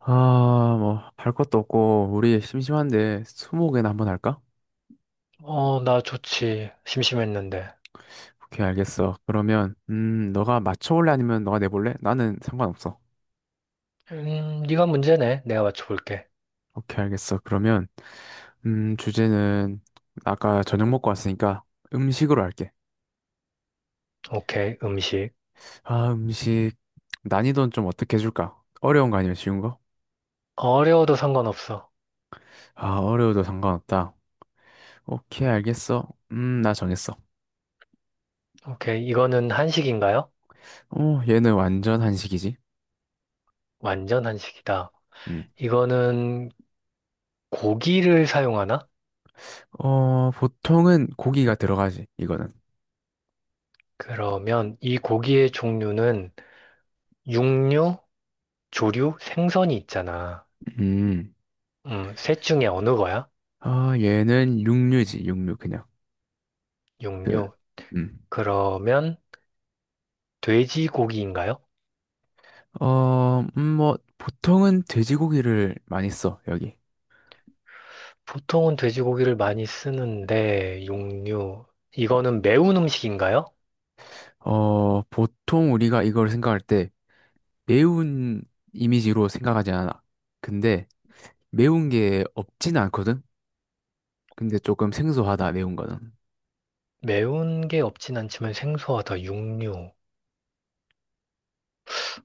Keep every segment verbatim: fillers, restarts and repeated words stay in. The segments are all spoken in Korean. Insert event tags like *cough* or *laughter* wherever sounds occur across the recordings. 아, 뭐, 할 것도 없고, 우리 심심한데, 스무고개나 한번 할까? 어, 나 좋지. 심심했는데. 오케이, 알겠어. 그러면, 음, 너가 맞춰볼래? 아니면 너가 내볼래? 나는 상관없어. 음, 네가 문제네. 내가 맞춰볼게. 오케이, 알겠어. 그러면, 음, 주제는, 아까 저녁 먹고 왔으니까, 음식으로 할게. 오케이, 음식. 아, 음식, 난이도는 좀 어떻게 해줄까? 어려운 거 아니면 쉬운 거? 어려워도 상관없어. 아, 어려워도 상관없다. 오케이, 알겠어. 음, 나 정했어. 오케이, 이거는 한식인가요? 어, 얘는 완전 한식이지? 완전 한식이다. 음. 이거는 고기를 사용하나? 어, 보통은 고기가 들어가지, 이거는. 그러면 이 고기의 종류는 육류, 조류, 생선이 있잖아. 음. 음, 셋 중에 어느 거야? 아, 얘는 육류지, 육류, 그냥. 그, 육류. 음. 그러면 돼지고기인가요? 어, 음, 뭐, 보통은 돼지고기를 많이 써, 여기. 보통은 돼지고기를 많이 쓰는데, 육류. 이거는 매운 음식인가요? 어, 어, 보통 우리가 이걸 생각할 때 매운 이미지로 생각하지 않아. 근데 매운 게 없지는 않거든? 근데 조금 생소하다, 매운 거는. 매운 게 없진 않지만 생소하다, 육류.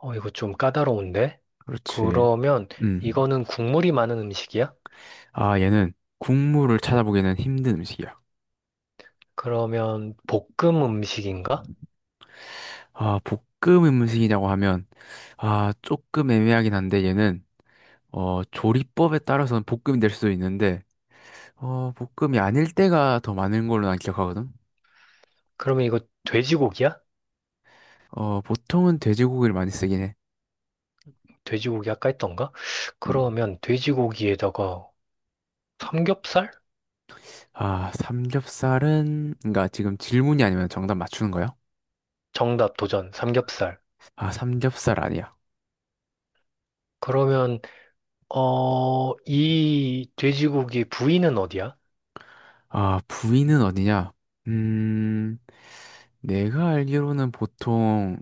어, 이거 좀 까다로운데? 그렇지. 그러면 음. 이거는 국물이 많은 음식이야? 아, 얘는 국물을 찾아보기는 힘든 음식이야. 그러면 볶음 음식인가? 아, 볶음 음식이라고 하면, 아, 조금 애매하긴 한데 얘는 어, 조리법에 따라서는 볶음이 될 수도 있는데, 어, 볶음이 아닐 때가 더 많은 걸로 난 기억하거든? 그러면 이거 돼지고기야? 어, 보통은 돼지고기를 많이 쓰긴 해. 돼지고기 아까 했던가? 음. 그러면 돼지고기에다가 삼겹살? 아, 삼겹살은, 그러니까 지금 질문이 아니면 정답 맞추는 거야? 정답 도전, 삼겹살. 아, 삼겹살 아니야. 그러면, 어, 이 돼지고기 부위는 어디야? 아, 부위는 어디냐? 음, 내가 알기로는 보통,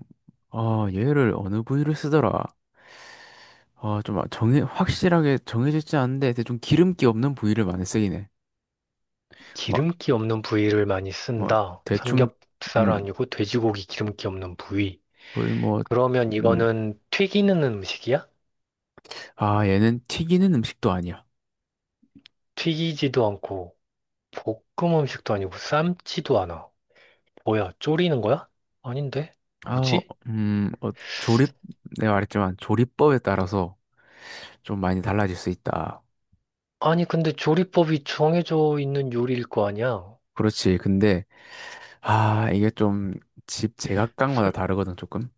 어, 얘를 어느 부위를 쓰더라? 어, 좀 정해, 확실하게 정해져 있지 않은데, 대충 기름기 없는 부위를 많이 쓰긴 해. 뭐, 기름기 없는 부위를 많이 뭐, 쓴다. 대충, 삼겹살 음, 아니고 돼지고기 기름기 없는 부위. 거의 뭐, 그러면 음, 이거는 튀기는 음식이야? 아, 얘는 튀기는 음식도 아니야. 튀기지도 않고 볶음 음식도 아니고 삶지도 않아. 뭐야, 졸이는 거야? 아닌데? 아, 어, 뭐지? 음, 어, 조립, 내가 말했지만 조리법에 따라서 좀 많이 달라질 수 있다. 아니, 근데 조리법이 정해져 있는 요리일 거 아니야? 그렇지. 근데, 아, 이게 좀 집 제각각마다 설, 다르거든, 조금.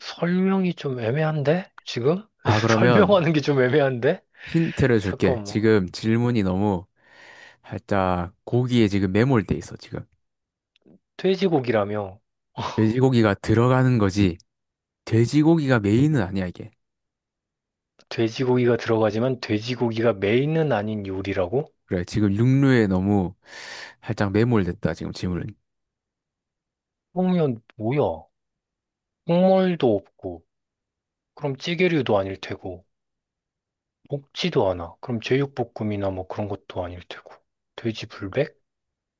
설명이 좀 애매한데 지금? 아, *laughs* 그러면 설명하는 게 좀 애매한데? 힌트를 줄게. 잠깐만. 지금 질문이 너무 살짝 고기에 지금 매몰돼 있어, 지금. 돼지고기라며. 돼지고기가 들어가는 거지. 돼지고기가 메인은 아니야, 이게. 돼지고기가 들어가지만 돼지고기가 메인은 아닌 요리라고? 그래, 지금 육류에 너무 살짝 매몰됐다, 지금 질문은. 그러면 뭐야? 국물도 없고, 그럼 찌개류도 아닐 테고, 볶지도 않아. 그럼 제육볶음이나 뭐 그런 것도 아닐 테고. 돼지 불백?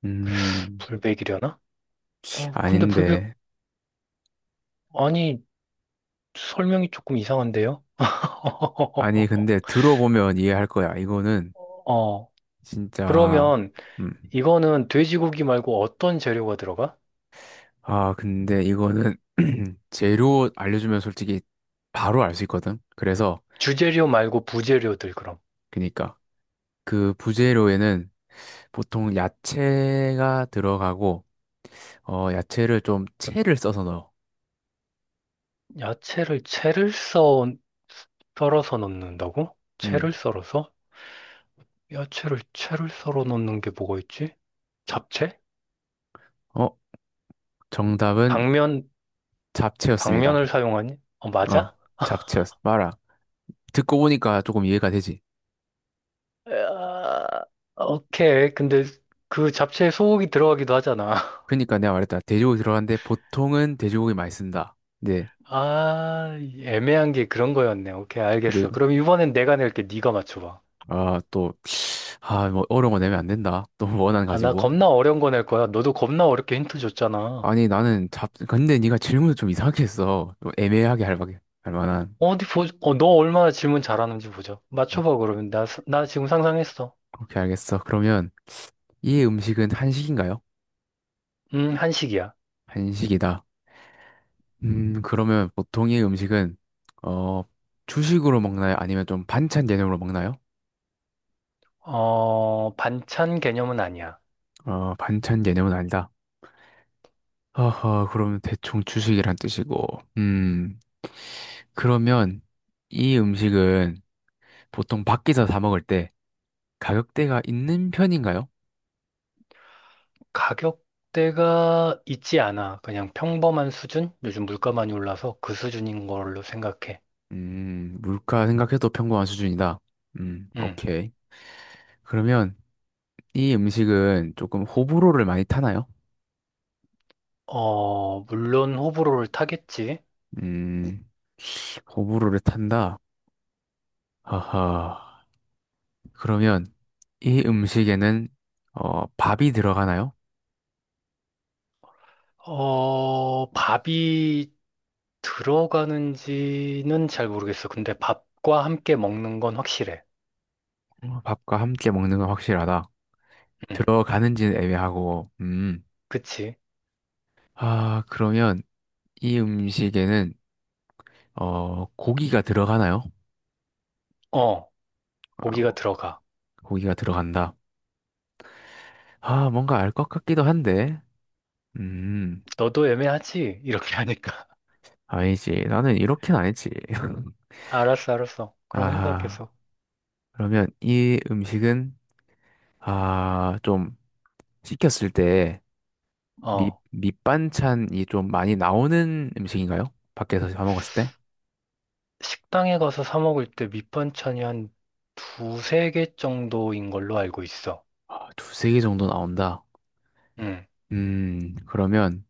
음. 불백이려나? 어, 근데 불백, 아닌데. 아니, 설명이 조금 이상한데요? 아니, *laughs* 근데 들어보면 이해할 거야. 이거는 어, 진짜, 그러면 음. 이거는 돼지고기 말고 어떤 재료가 들어가? 아, 근데 이거는 *clears throat* 재료 알려주면 솔직히 바로 알 수 있거든. 그래서, 주재료 말고 부재료들 그럼. 그니까, 그 부재료에는 보통 야채가 들어가고, 어, 야채를 좀 채를 써서 넣어. 야채를 채를 썰 썰어서 넣는다고? 음. 채를 썰어서? 야채를 채를 썰어 넣는 게 뭐가 있지? 잡채? 어, 정답은 당면, 잡채였습니다. 당면을 사용하니? 어 어, 맞아? 잡채였어. 봐라. 듣고 보니까 조금 이해가 되지. 으아, 오케이. 근데 그 잡채에 소고기 들어가기도 하잖아. *laughs* 그니까 내가 말했다. 돼지고기 들어갔는데 보통은 돼지고기 많이 쓴다. 네. 아, 애매한 게 그런 거였네. 오케이, 알겠어. 그리고 그럼 이번엔 내가 낼게. 네가 맞춰봐. 아 또 아 뭐 어려운 거 내면 안 된다. 또 *laughs* 원한 아, 나 가지고. 겁나 어려운 거 낼 거야. 너도 겁나 어렵게 힌트 줬잖아. 아니 나는 잡 근데 네가 질문을 좀 이상하게 했어. 좀 애매하게 할, 만- 할 만한. 어디 보, 어, 너 얼마나 질문 잘하는지 보자. 맞춰봐, 그러면. 나, 스- 나 지금 상상했어. 오케이 알겠어. 그러면 이 음식은 한식인가요? 음, 한식이야. 한식이다. 음 그러면 보통 이 음식은 어 주식으로 먹나요? 아니면 좀 반찬 개념으로 먹나요? 어, 반찬 개념은 아니야. 어 반찬 개념은 아니다. 허허 그러면 대충 주식이란 뜻이고. 음 그러면 이 음식은 보통 밖에서 사 먹을 때 가격대가 있는 편인가요? 가격대가 있지 않아. 그냥 평범한 수준? 요즘 물가 많이 올라서 그 수준인 걸로 생각해. 음, 물가 생각해도 평범한 수준이다. 음, 음. 오케이. 그러면 이 음식은 조금 호불호를 많이 타나요? 어, 물론 호불호를 타겠지. 음, 호불호를 탄다. 하하. 그러면 이 음식에는 어, 밥이 들어가나요? 어, 밥이 들어가는지는 잘 모르겠어. 근데 밥과 함께 먹는 건 확실해. 어, 밥과 함께 먹는 건 확실하다. 음, 들어가는지는 애매하고, 음. 그치? 아, 그러면 이 음식에는 어, 고기가 들어가나요? 어, 고기가 어, 들어가. 고기가 들어간다. 아, 뭔가 알 것 같기도 한데. 음, 너도 애매하지? 이렇게 하니까. 아니지. 나는 이렇게는 아니지. *laughs* *laughs* 알았어, 알았어. 그럼 해봐, 아, 계속. 그러면 이 음식은, 아, 좀 시켰을 때 밑, 어. 밑반찬이 좀 많이 나오는 음식인가요? 밖에서 사 먹었을 때? 식당에 가서 사 먹을 때 밑반찬이 한 두세 개 정도인 걸로 알고 있어. 아, 두세 개 정도 나온다. 응. 음, 그러면,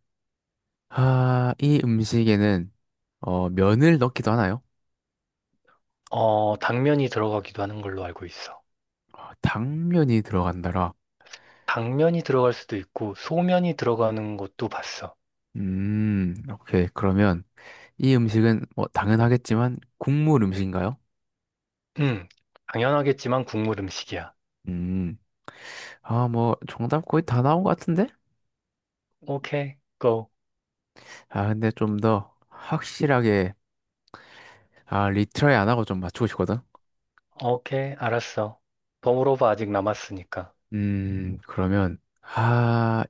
아, 이 음식에는, 어, 면을 넣기도 하나요? 어, 당면이 들어가기도 하는 걸로 알고 있어. 아, 당면이 들어간다라. 당면이 들어갈 수도 있고, 소면이 들어가는 것도 봤어. 음, 오케이. 그러면, 이 음식은 뭐 당연하겠지만 국물 음식인가요? 응. 당연하겠지만 국물 음식이야. 음, 아, 뭐 정답 거의 다 나온 것 같은데? 오케이, 고. 아, 근데 좀 더 확실하게 아, 리트라이 안 하고 좀 맞추고 싶거든. 오케이, 알았어. 더 물어봐, 아직 남았으니까. 음, 그러면 아,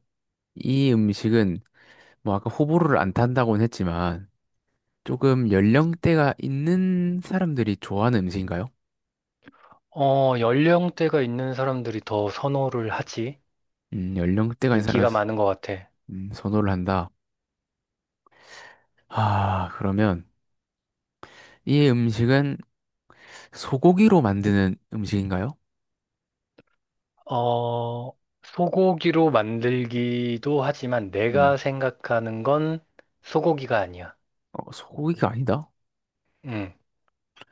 이 음식은 뭐 아까 호불호를 안 탄다고는 했지만 조금 연령대가 있는 사람들이 좋아하는 음식인가요? 어, 연령대가 있는 사람들이 더 선호를 하지. 음, 연령대가 있는 사람이 인기가 많은 것 같아. 음, 선호를 한다. 아, 그러면 이 음식은 소고기로 만드는 음식인가요? 어, 소고기로 만들기도 하지만 내가 생각하는 건 소고기가 아니야. 어, 소고기가 아니다? 응.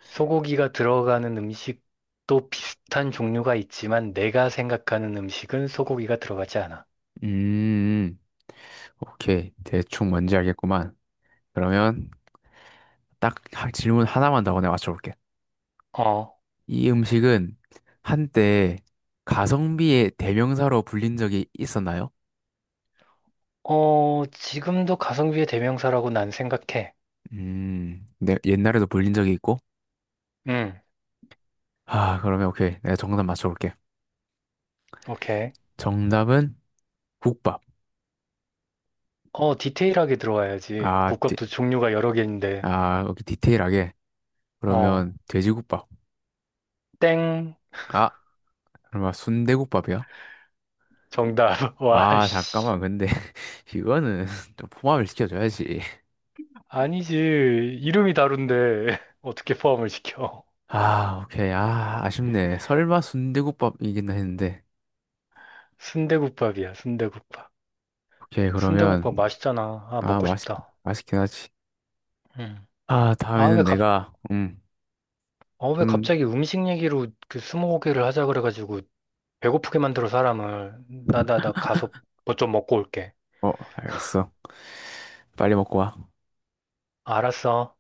소고기가 들어가는 음식도 비슷한 종류가 있지만 내가 생각하는 음식은 소고기가 들어가지 않아. 음, 오케이. 대충 뭔지 알겠구만. 그러면 딱 하- 질문 하나만 더 내가 맞춰볼게. 어, 이 음식은 한때 가성비의 대명사로 불린 적이 있었나요? 어, 지금도 가성비의 대명사라고 난 생각해. 음, 네, 옛날에도 불린 적이 있고. 응, 아, 그러면 오케이. 내가 정답 맞춰볼게. 오케이. 정답은 국밥. 어, 디테일하게 들어와야지. 아, 디, 국밥도 종류가 여러 개인데. 아, 여기 디테일하게. 어, 그러면 돼지국밥. 땡, 아, 그러면 순대국밥이야. 정답. *laughs* 와, 아, 씨. 잠깐만. 근데 *laughs* 이거는 *laughs* 좀 포함을 시켜줘야지. 아니지. 이름이 다른데 *laughs* 어떻게 포함을 시켜? 아, 오케이. 아, 아쉽네. 설마 순대국밥이긴 했는데. 순대국밥이야, 순대국밥. 오케이, 그러면 순대국밥 맛있잖아. 아, 아, 먹고 맛있 싶다. 맛있긴 하지. 음. 아, 아, 왜 다음에는 갑, 내가 음, 어, 왜 좀 갑자기 음식 얘기로 그 스무고개를 하자 그래가지고 배고프게 만들어 사람을. 나, 나, 나 가서 뭐 좀 먹고 올게. 어, 알겠어. 빨리 먹고 와. 알았어.